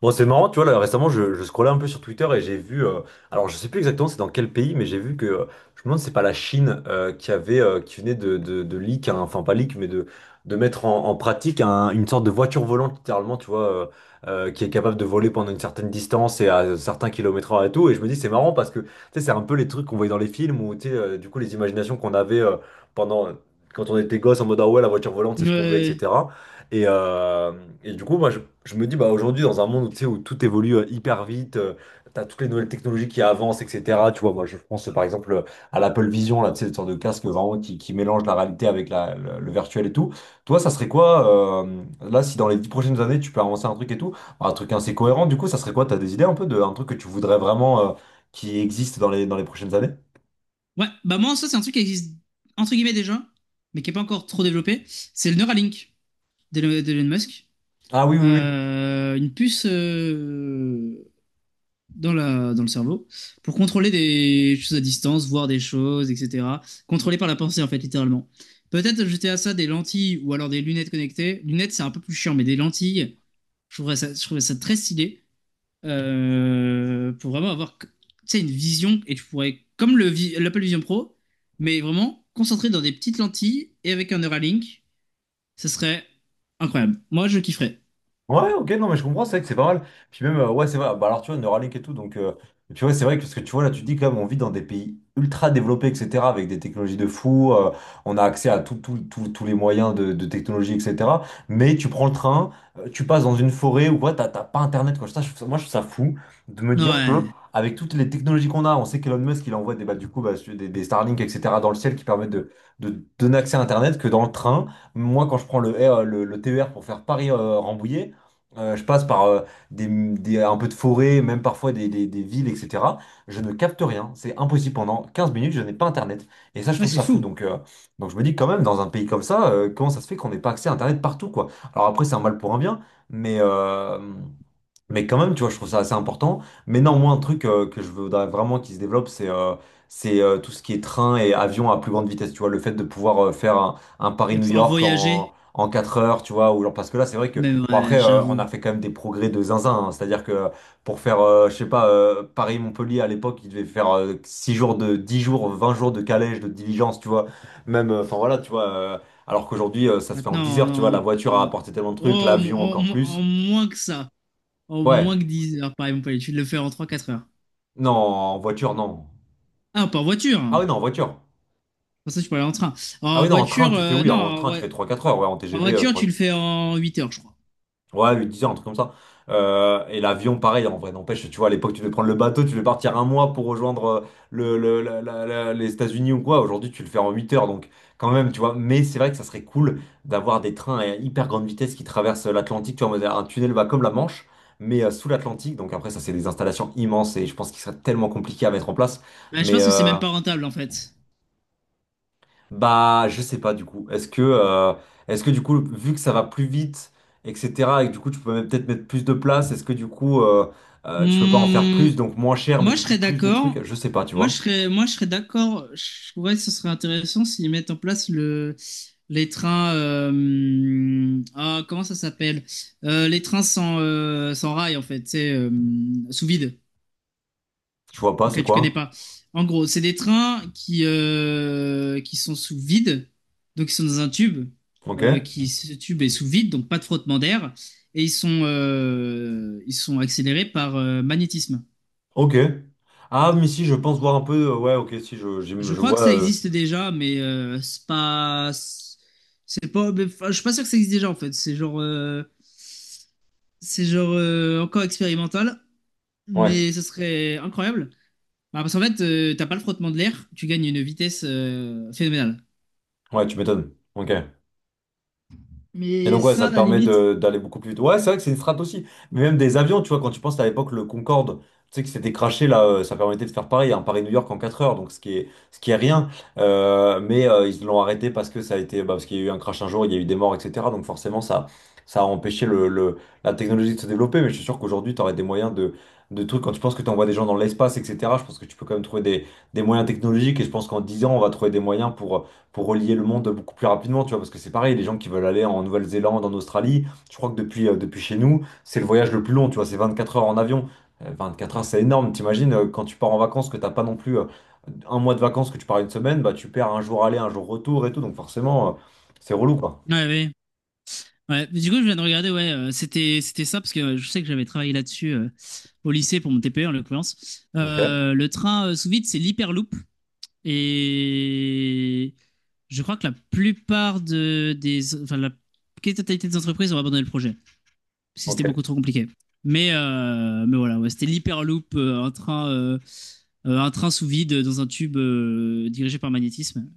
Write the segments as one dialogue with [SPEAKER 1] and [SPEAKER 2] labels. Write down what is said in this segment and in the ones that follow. [SPEAKER 1] Bon, c'est marrant, tu vois, là, récemment, je scrollais un peu sur Twitter et j'ai vu, alors je sais plus exactement c'est dans quel pays, mais j'ai vu que, je me demande, si c'est pas la Chine qui avait, qui venait de leak, hein, enfin pas leak, mais de mettre en pratique une sorte de voiture volante, littéralement, tu vois, qui est capable de voler pendant une certaine distance et à certains kilomètres heure et tout. Et je me dis, c'est marrant parce que, tu sais, c'est un peu les trucs qu'on voyait dans les films ou, tu sais, du coup, les imaginations qu'on avait pendant, quand on était gosse en mode, ah ouais, la voiture volante, c'est ce qu'on veut,
[SPEAKER 2] Ouais.
[SPEAKER 1] etc. Et, euh, et du coup, moi, je me dis, bah, aujourd'hui, dans un monde où, tu sais, où tout évolue hyper vite, t'as toutes les nouvelles technologies qui avancent, etc. Tu vois, moi, je pense, par exemple, à l'Apple Vision, là, tu sais, une sorte de casque vraiment qui mélange la réalité avec le virtuel et tout. Toi, ça serait quoi, là, si dans les 10 prochaines années, tu peux avancer un truc et tout, un truc assez cohérent, du coup, ça serait quoi? T'as des idées un peu d'un truc que tu voudrais vraiment, qui existe dans les prochaines années?
[SPEAKER 2] Ouais, bah moi, ça, c'est un truc qui existe, entre guillemets, déjà, mais qui n'est pas encore trop développé. C'est le Neuralink d'Elon Musk.
[SPEAKER 1] Ah oui, oui, oui.
[SPEAKER 2] Une puce dans dans le cerveau pour contrôler des choses à distance, voir des choses, etc. Contrôlé par la pensée, en fait, littéralement. Peut-être jeter à ça des lentilles ou alors des lunettes connectées. Lunettes, c'est un peu plus chiant, mais des lentilles, je trouverais ça très stylé. Pour vraiment avoir tu sais, une vision et tu pourrais, comme le l'Apple Vision Pro, mais vraiment concentré dans des petites lentilles et avec un Neuralink, ce serait incroyable. Moi, je kifferais.
[SPEAKER 1] Ouais, ok, non, mais je comprends, c'est vrai que c'est pas mal. Puis même, ouais, c'est vrai. Bah, alors, tu vois, Neuralink et tout, et puis ouais, c'est vrai que, parce que tu vois, là, tu te dis quand même, on vit dans des pays ultra développés, etc., avec des technologies de fou, on a accès à tout, tous les moyens de technologie, etc. Mais tu prends le train, tu passes dans une forêt ou quoi, t'as pas Internet, quoi. Ça, moi, je trouve ça fou de me dire que,
[SPEAKER 2] Ouais,
[SPEAKER 1] avec toutes les technologies qu'on a, on sait qu'Elon Musk, il envoie bah, du coup, bah, sur des Starlink, etc., dans le ciel qui permettent de donner accès à Internet, que dans le train, moi, quand je prends le T E R pour faire Paris-Rambouillet, je passe par un peu de forêt, même parfois des villes, etc. Je ne capte rien, c'est impossible. Pendant 15 minutes, je n'ai pas Internet. Et ça, je
[SPEAKER 2] ouais,
[SPEAKER 1] trouve
[SPEAKER 2] c'est
[SPEAKER 1] ça fou.
[SPEAKER 2] fou
[SPEAKER 1] Donc je me dis quand même, dans un pays comme ça, comment ça se fait qu'on n'ait pas accès à Internet partout, quoi? Alors après, c'est un mal pour un bien, mais, euh, mais quand même, tu vois, je trouve ça assez important. Mais non, moi, un truc que je voudrais vraiment qu'il se développe, c'est tout ce qui est train et avion à plus grande vitesse. Tu vois, le fait de pouvoir faire un
[SPEAKER 2] de
[SPEAKER 1] Paris-New
[SPEAKER 2] pouvoir
[SPEAKER 1] York en,
[SPEAKER 2] voyager.
[SPEAKER 1] en 4 heures, tu vois. Ou genre, parce que là, c'est vrai que,
[SPEAKER 2] Mais
[SPEAKER 1] bon,
[SPEAKER 2] ouais,
[SPEAKER 1] après, on a
[SPEAKER 2] j'avoue.
[SPEAKER 1] fait quand même des progrès de zinzin, hein. C'est-à-dire que pour faire, je sais pas, Paris-Montpellier à l'époque, il devait faire 6 jours de 10 jours, 20 jours de calèche, de diligence, tu vois. Même, enfin voilà, tu vois. Alors qu'aujourd'hui, ça se fait en 10 heures, tu vois.
[SPEAKER 2] Maintenant,
[SPEAKER 1] La voiture a apporté tellement de trucs,
[SPEAKER 2] oh,
[SPEAKER 1] l'avion encore
[SPEAKER 2] en
[SPEAKER 1] plus.
[SPEAKER 2] moins que ça, en
[SPEAKER 1] Ouais.
[SPEAKER 2] moins que 10 heures, par exemple, tu de le faire en trois quatre heures.
[SPEAKER 1] Non, en voiture, non.
[SPEAKER 2] Ah, pas en voiture,
[SPEAKER 1] Ah
[SPEAKER 2] hein.
[SPEAKER 1] oui, non, en voiture.
[SPEAKER 2] Pour ça, tu peux aller en train.
[SPEAKER 1] Ah
[SPEAKER 2] En
[SPEAKER 1] oui, non, en train,
[SPEAKER 2] voiture,
[SPEAKER 1] tu fais, oui,
[SPEAKER 2] non,
[SPEAKER 1] en train, tu fais trois quatre heures, ouais, en
[SPEAKER 2] en
[SPEAKER 1] TGV,
[SPEAKER 2] voiture,
[SPEAKER 1] 3.
[SPEAKER 2] tu le fais en 8 heures, je crois.
[SPEAKER 1] Ouais, 8-10 heures, un truc comme ça. Et l'avion, pareil, en vrai, n'empêche, tu vois, à l'époque, tu devais prendre le bateau, tu devais partir un mois pour rejoindre les États-Unis ou quoi. Aujourd'hui, tu le fais en 8 heures, donc quand même, tu vois. Mais c'est vrai que ça serait cool d'avoir des trains à hyper grande vitesse qui traversent l'Atlantique, tu vois, en mode, un tunnel va comme la Manche, mais sous l'Atlantique. Donc après, ça, c'est des installations immenses et je pense qu'il serait tellement compliqué à mettre en place.
[SPEAKER 2] Bah, je
[SPEAKER 1] Mais.
[SPEAKER 2] pense que c'est
[SPEAKER 1] euh,
[SPEAKER 2] même pas rentable en fait.
[SPEAKER 1] Bah, je sais pas du coup. Est-ce que du coup, vu que ça va plus vite, etc., et que du coup, tu peux même peut-être mettre plus de place, est-ce que du coup, tu peux pas en faire
[SPEAKER 2] Hmm,
[SPEAKER 1] plus, donc moins cher, mais
[SPEAKER 2] moi je
[SPEAKER 1] du coup,
[SPEAKER 2] serais
[SPEAKER 1] plus de
[SPEAKER 2] d'accord.
[SPEAKER 1] trucs? Je sais pas, tu vois.
[SPEAKER 2] Moi je serais d'accord. Je trouverais que ce serait intéressant s'ils mettent en place les trains. Ah, comment ça s'appelle? Les trains sans, sans rail en fait, c'est sous vide.
[SPEAKER 1] Je vois pas, c'est
[SPEAKER 2] Ok, tu connais
[SPEAKER 1] quoi?
[SPEAKER 2] pas. En gros, c'est des trains qui sont sous vide, donc ils sont dans un tube,
[SPEAKER 1] Ok.
[SPEAKER 2] ce tube est sous vide, donc pas de frottement d'air, et ils sont accélérés par magnétisme.
[SPEAKER 1] Ok. Ah, mais si, je pense voir un peu. Ouais, ok, si, je, j'im-
[SPEAKER 2] Je
[SPEAKER 1] je
[SPEAKER 2] crois que
[SPEAKER 1] vois.
[SPEAKER 2] ça
[SPEAKER 1] euh,
[SPEAKER 2] existe déjà, mais c'est pas, mais, enfin, je suis pas sûr que ça existe déjà en fait. C'est genre encore expérimental,
[SPEAKER 1] Ouais,
[SPEAKER 2] mais ce serait incroyable. Bah, parce qu'en fait, t'as pas le frottement de l'air, tu gagnes une vitesse phénoménale.
[SPEAKER 1] ouais, tu m'étonnes. Ok. Et
[SPEAKER 2] Mais
[SPEAKER 1] donc, ouais,
[SPEAKER 2] ça,
[SPEAKER 1] ça
[SPEAKER 2] à
[SPEAKER 1] te
[SPEAKER 2] la
[SPEAKER 1] permet
[SPEAKER 2] limite.
[SPEAKER 1] d'aller beaucoup plus vite. Ouais, c'est vrai que c'est une strat aussi. Mais même des avions, tu vois, quand tu penses à l'époque, le Concorde, tu sais, qui s'était crashé, là, ça permettait de faire un Paris-New York en 4 heures, donc ce qui est rien. Mais ils l'ont arrêté parce que ça a été, bah, parce qu'il y a eu un crash un jour, il y a eu des morts, etc. Donc, forcément, ça a empêché la technologie de se développer. Mais je suis sûr qu'aujourd'hui, tu aurais des moyens de trucs. Quand tu penses que tu envoies des gens dans l'espace, etc., je pense que tu peux quand même trouver des moyens technologiques. Et je pense qu'en 10 ans, on va trouver des moyens pour relier le monde beaucoup plus rapidement, tu vois, parce que c'est pareil, les gens qui veulent aller en Nouvelle-Zélande, en Australie, je crois que depuis chez nous, c'est le voyage le plus long, tu vois, c'est 24 heures en avion. 4 heures, c'est énorme, t'imagines, quand tu pars en vacances, que t'as pas non plus un mois de vacances, que tu pars une semaine, bah tu perds un jour aller, un jour retour et tout, donc forcément, c'est relou, quoi.
[SPEAKER 2] Ouais, ouais. Ouais. Mais du coup, je viens de regarder, ouais, c'était ça, parce que je sais que j'avais travaillé là-dessus au lycée pour mon TPE, en l'occurrence.
[SPEAKER 1] Ok,
[SPEAKER 2] Le train sous vide, c'est l'hyperloop. Et je crois que la plupart des... Enfin, la quasi-totalité des entreprises ont abandonné le projet, parce que c'était beaucoup
[SPEAKER 1] ok,
[SPEAKER 2] trop compliqué. Mais voilà, ouais, c'était l'hyperloop, un train sous vide dans un tube dirigé par magnétisme.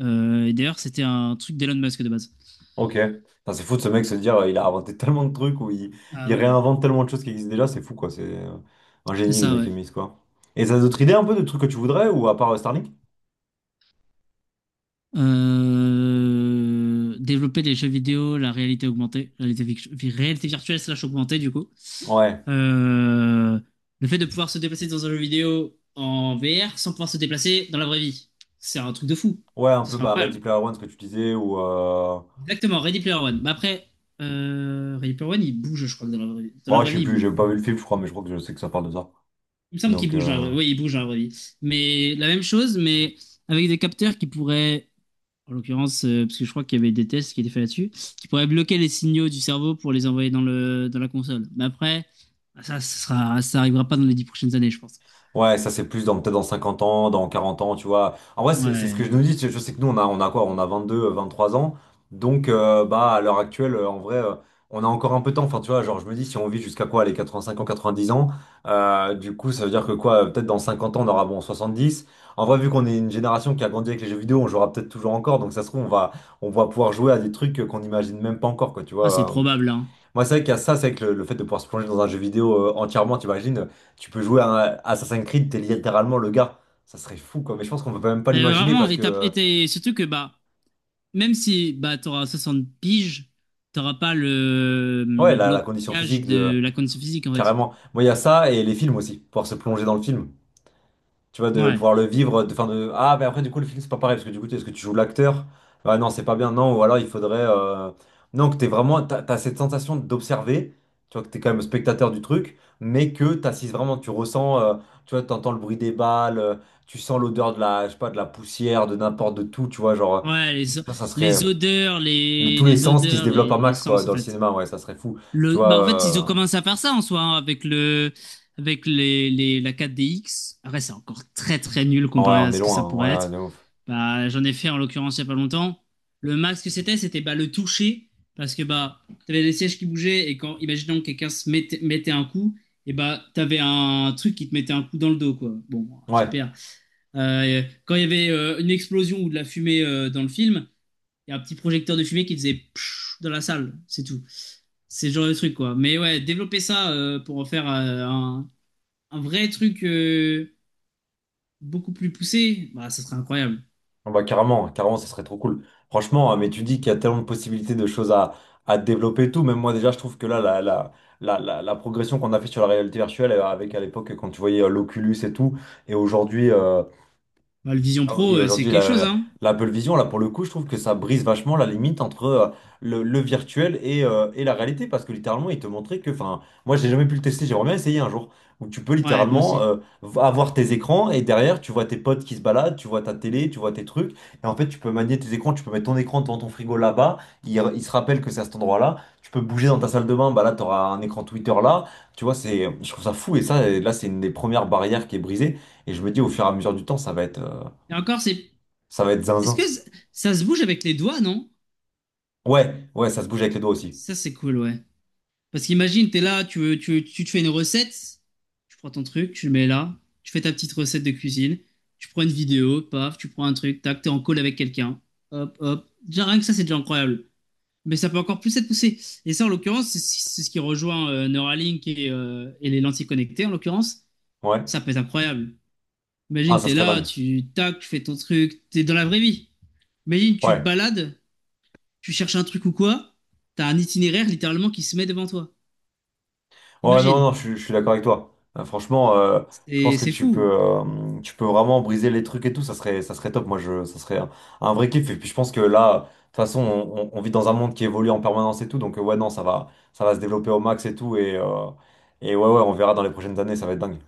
[SPEAKER 2] Et d'ailleurs, c'était un truc d'Elon Musk de base.
[SPEAKER 1] ok. Putain, c'est fou de ce mec se dire, il a inventé tellement de trucs, ou il,
[SPEAKER 2] Ah
[SPEAKER 1] il
[SPEAKER 2] ouais,
[SPEAKER 1] réinvente tellement de choses qui existent déjà, c'est fou, quoi, c'est un
[SPEAKER 2] c'est
[SPEAKER 1] génie, le
[SPEAKER 2] ça,
[SPEAKER 1] mec
[SPEAKER 2] ouais.
[SPEAKER 1] Emis, quoi. Et t'as d'autres idées un peu de trucs que tu voudrais, ou à part Starlink?
[SPEAKER 2] Développer les jeux vidéo, la réalité augmentée, réalité virtuelle slash augmentée, du coup.
[SPEAKER 1] Ouais.
[SPEAKER 2] Euh, le fait de pouvoir se déplacer dans un jeu vidéo en VR sans pouvoir se déplacer dans la vraie vie. C'est un truc de fou.
[SPEAKER 1] Ouais, un
[SPEAKER 2] Ce
[SPEAKER 1] peu
[SPEAKER 2] serait
[SPEAKER 1] bah, Ready
[SPEAKER 2] incroyable.
[SPEAKER 1] Player One, ce que tu disais, ou.
[SPEAKER 2] Exactement, Ready Player One. Mais après, Ready Player One, il bouge, je crois, que dans la vraie vie. Dans la
[SPEAKER 1] Bon,
[SPEAKER 2] vraie
[SPEAKER 1] je sais
[SPEAKER 2] vie, il
[SPEAKER 1] plus,
[SPEAKER 2] bouge.
[SPEAKER 1] j'ai pas vu le film, je crois, mais je crois que je sais que ça parle de ça.
[SPEAKER 2] Il me semble qu'il
[SPEAKER 1] Donc...
[SPEAKER 2] bouge dans la
[SPEAKER 1] euh,
[SPEAKER 2] vraie... Oui, il bouge dans la vraie vie. Mais la même chose, mais avec des capteurs qui pourraient en l'occurrence, parce que je crois qu'il y avait des tests qui étaient faits là-dessus, qui pourraient bloquer les signaux du cerveau pour les envoyer dans dans la console. Mais après, ça arrivera pas dans les dix prochaines années, je pense.
[SPEAKER 1] Ouais, ça c'est plus dans peut-être dans 50 ans, dans 40 ans, tu vois. En vrai, c'est ce que je
[SPEAKER 2] Ouais.
[SPEAKER 1] nous dis, je sais que nous on a quoi? On a 22, 3 ans. Donc, bah à l'heure actuelle en vrai on a encore un peu de temps. Enfin, tu vois, genre je me dis si on vit jusqu'à quoi les 85 ans, 90 ans, du coup, ça veut dire que quoi peut-être dans 50 ans on aura bon dix. En vrai, vu qu'on est une génération qui a grandi avec les jeux vidéo, on jouera peut-être toujours encore. Donc ça se trouve on va pouvoir jouer à des trucs qu'on n'imagine même pas encore quoi, tu
[SPEAKER 2] Ah, c'est
[SPEAKER 1] vois. euh,
[SPEAKER 2] probable, hein.
[SPEAKER 1] Moi, c'est vrai qu'il y a ça, c'est vrai que le fait de pouvoir se plonger dans un jeu vidéo entièrement, t'imagines, tu peux jouer à un Assassin's Creed, t'es littéralement le gars. Ça serait fou, quoi. Mais je pense qu'on peut même pas
[SPEAKER 2] Mais
[SPEAKER 1] l'imaginer
[SPEAKER 2] vraiment,
[SPEAKER 1] parce que,
[SPEAKER 2] surtout que, bah, même si, bah, t'auras 60 piges, t'auras pas
[SPEAKER 1] ouais,
[SPEAKER 2] le
[SPEAKER 1] la condition
[SPEAKER 2] blocage
[SPEAKER 1] physique de.
[SPEAKER 2] de la condition physique, en fait.
[SPEAKER 1] Carrément. Moi, il y a ça et les films aussi. Pouvoir se plonger dans le film. Tu vois, de
[SPEAKER 2] Ouais.
[SPEAKER 1] pouvoir le vivre, enfin de. Ah, mais après, du coup, le film, c'est pas pareil, parce que du coup, est-ce que tu joues l'acteur? Bah non, c'est pas bien, non, ou alors il faudrait. Non, que t'es vraiment. T'as cette sensation d'observer, tu vois, que t'es quand même spectateur du truc, mais que t'assises vraiment, tu ressens, tu vois, t'entends le bruit des balles, tu sens l'odeur de la, je sais pas, de la poussière, de n'importe de tout, tu vois, genre.
[SPEAKER 2] Ouais,
[SPEAKER 1] Ça serait.
[SPEAKER 2] les odeurs,
[SPEAKER 1] Tous les sens qui se développent à
[SPEAKER 2] les
[SPEAKER 1] max, quoi,
[SPEAKER 2] sens, en
[SPEAKER 1] dans le
[SPEAKER 2] fait.
[SPEAKER 1] cinéma, ouais, ça serait fou. Tu vois...
[SPEAKER 2] Bah en fait, ils ont
[SPEAKER 1] euh,
[SPEAKER 2] commencé à faire ça en soi hein, avec avec la 4DX. Après, c'est encore très très nul
[SPEAKER 1] Ouais,
[SPEAKER 2] comparé
[SPEAKER 1] on
[SPEAKER 2] à
[SPEAKER 1] est
[SPEAKER 2] ce que ça
[SPEAKER 1] loin,
[SPEAKER 2] pourrait
[SPEAKER 1] ouais, ouais,
[SPEAKER 2] être.
[SPEAKER 1] de ouf.
[SPEAKER 2] Bah, j'en ai fait en l'occurrence il y a pas longtemps. Le max, c'était bah, le toucher parce que bah t'avais des sièges qui bougeaient et quand imaginons que quelqu'un mettait un coup, et bah t'avais un truc qui te mettait un coup dans le dos quoi. Bon,
[SPEAKER 1] Ouais.
[SPEAKER 2] super. Quand il y avait une explosion ou de la fumée dans le film, il y a un petit projecteur de fumée qui faisait pshh dans la salle, c'est tout. C'est ce genre de truc, quoi. Mais ouais, développer ça pour en faire un vrai truc beaucoup plus poussé, bah, ça serait incroyable.
[SPEAKER 1] Ah, bah, carrément, carrément, ça serait trop cool. Franchement, mais tu dis qu'il y a tellement de possibilités de choses à développer et tout. Même moi, déjà, je trouve que là, la progression qu'on a fait sur la réalité virtuelle, avec à l'époque, quand tu voyais l'Oculus et tout, et aujourd'hui,
[SPEAKER 2] Bah, le Vision
[SPEAKER 1] ah oui,
[SPEAKER 2] Pro,
[SPEAKER 1] et
[SPEAKER 2] c'est
[SPEAKER 1] aujourd'hui,
[SPEAKER 2] quelque chose, hein.
[SPEAKER 1] l'Apple Vision, là, pour le coup, je trouve que ça brise vachement la limite entre le virtuel et la réalité, parce que littéralement, il te montrait que, enfin, moi, j'ai jamais pu le tester, j'aimerais bien essayer un jour, où tu peux
[SPEAKER 2] Ouais, moi
[SPEAKER 1] littéralement
[SPEAKER 2] aussi.
[SPEAKER 1] avoir tes écrans et derrière, tu vois tes potes qui se baladent, tu vois ta télé, tu vois tes trucs, et en fait, tu peux manier tes écrans, tu peux mettre ton écran devant ton frigo là-bas, il se rappelle que c'est à cet endroit-là, tu peux bouger dans ta salle de bain, bah là, tu auras un écran Twitter là, tu vois, c'est, je trouve ça fou, et ça, là, c'est une des premières barrières qui est brisée, et je me dis, au fur et à mesure du temps,
[SPEAKER 2] Et encore, c'est.
[SPEAKER 1] ça va être
[SPEAKER 2] Est-ce
[SPEAKER 1] zinzin.
[SPEAKER 2] que c- ça se bouge avec les doigts, non?
[SPEAKER 1] Ouais, ouais, ça se bouge avec les doigts aussi.
[SPEAKER 2] Ça, c'est cool, ouais. Parce qu'imagine, t'es là, tu te fais une recette, tu prends ton truc, tu le mets là, tu fais ta petite recette de cuisine, tu prends une vidéo, paf, tu prends un truc, tac, t'es en call avec quelqu'un, hop, hop. Déjà, rien que ça, c'est déjà incroyable. Mais ça peut encore plus être poussé. Et ça, en l'occurrence, c'est ce qui rejoint Neuralink et les lentilles connectées, en l'occurrence.
[SPEAKER 1] Ouais.
[SPEAKER 2] Ça peut être incroyable.
[SPEAKER 1] Ah,
[SPEAKER 2] Imagine,
[SPEAKER 1] ça
[SPEAKER 2] t'es
[SPEAKER 1] serait
[SPEAKER 2] là,
[SPEAKER 1] dingue.
[SPEAKER 2] tu tac, tu fais ton truc, t'es dans la vraie vie. Imagine, tu
[SPEAKER 1] Ouais.
[SPEAKER 2] te balades, tu cherches un truc ou quoi, t'as un itinéraire littéralement qui se met devant toi.
[SPEAKER 1] Ouais, non, non,
[SPEAKER 2] Imagine.
[SPEAKER 1] je suis d'accord avec toi. Franchement, je pense que
[SPEAKER 2] C'est
[SPEAKER 1] tu peux,
[SPEAKER 2] fou.
[SPEAKER 1] euh, tu peux vraiment briser les trucs et tout. Ça serait top. Moi, ça serait un vrai kiff. Et puis, je pense que là, de toute façon, on vit dans un monde qui évolue en permanence et tout. Donc, ouais, non, ça va se développer au max et tout. Et ouais, ouais, on verra dans les prochaines années. Ça va être dingue.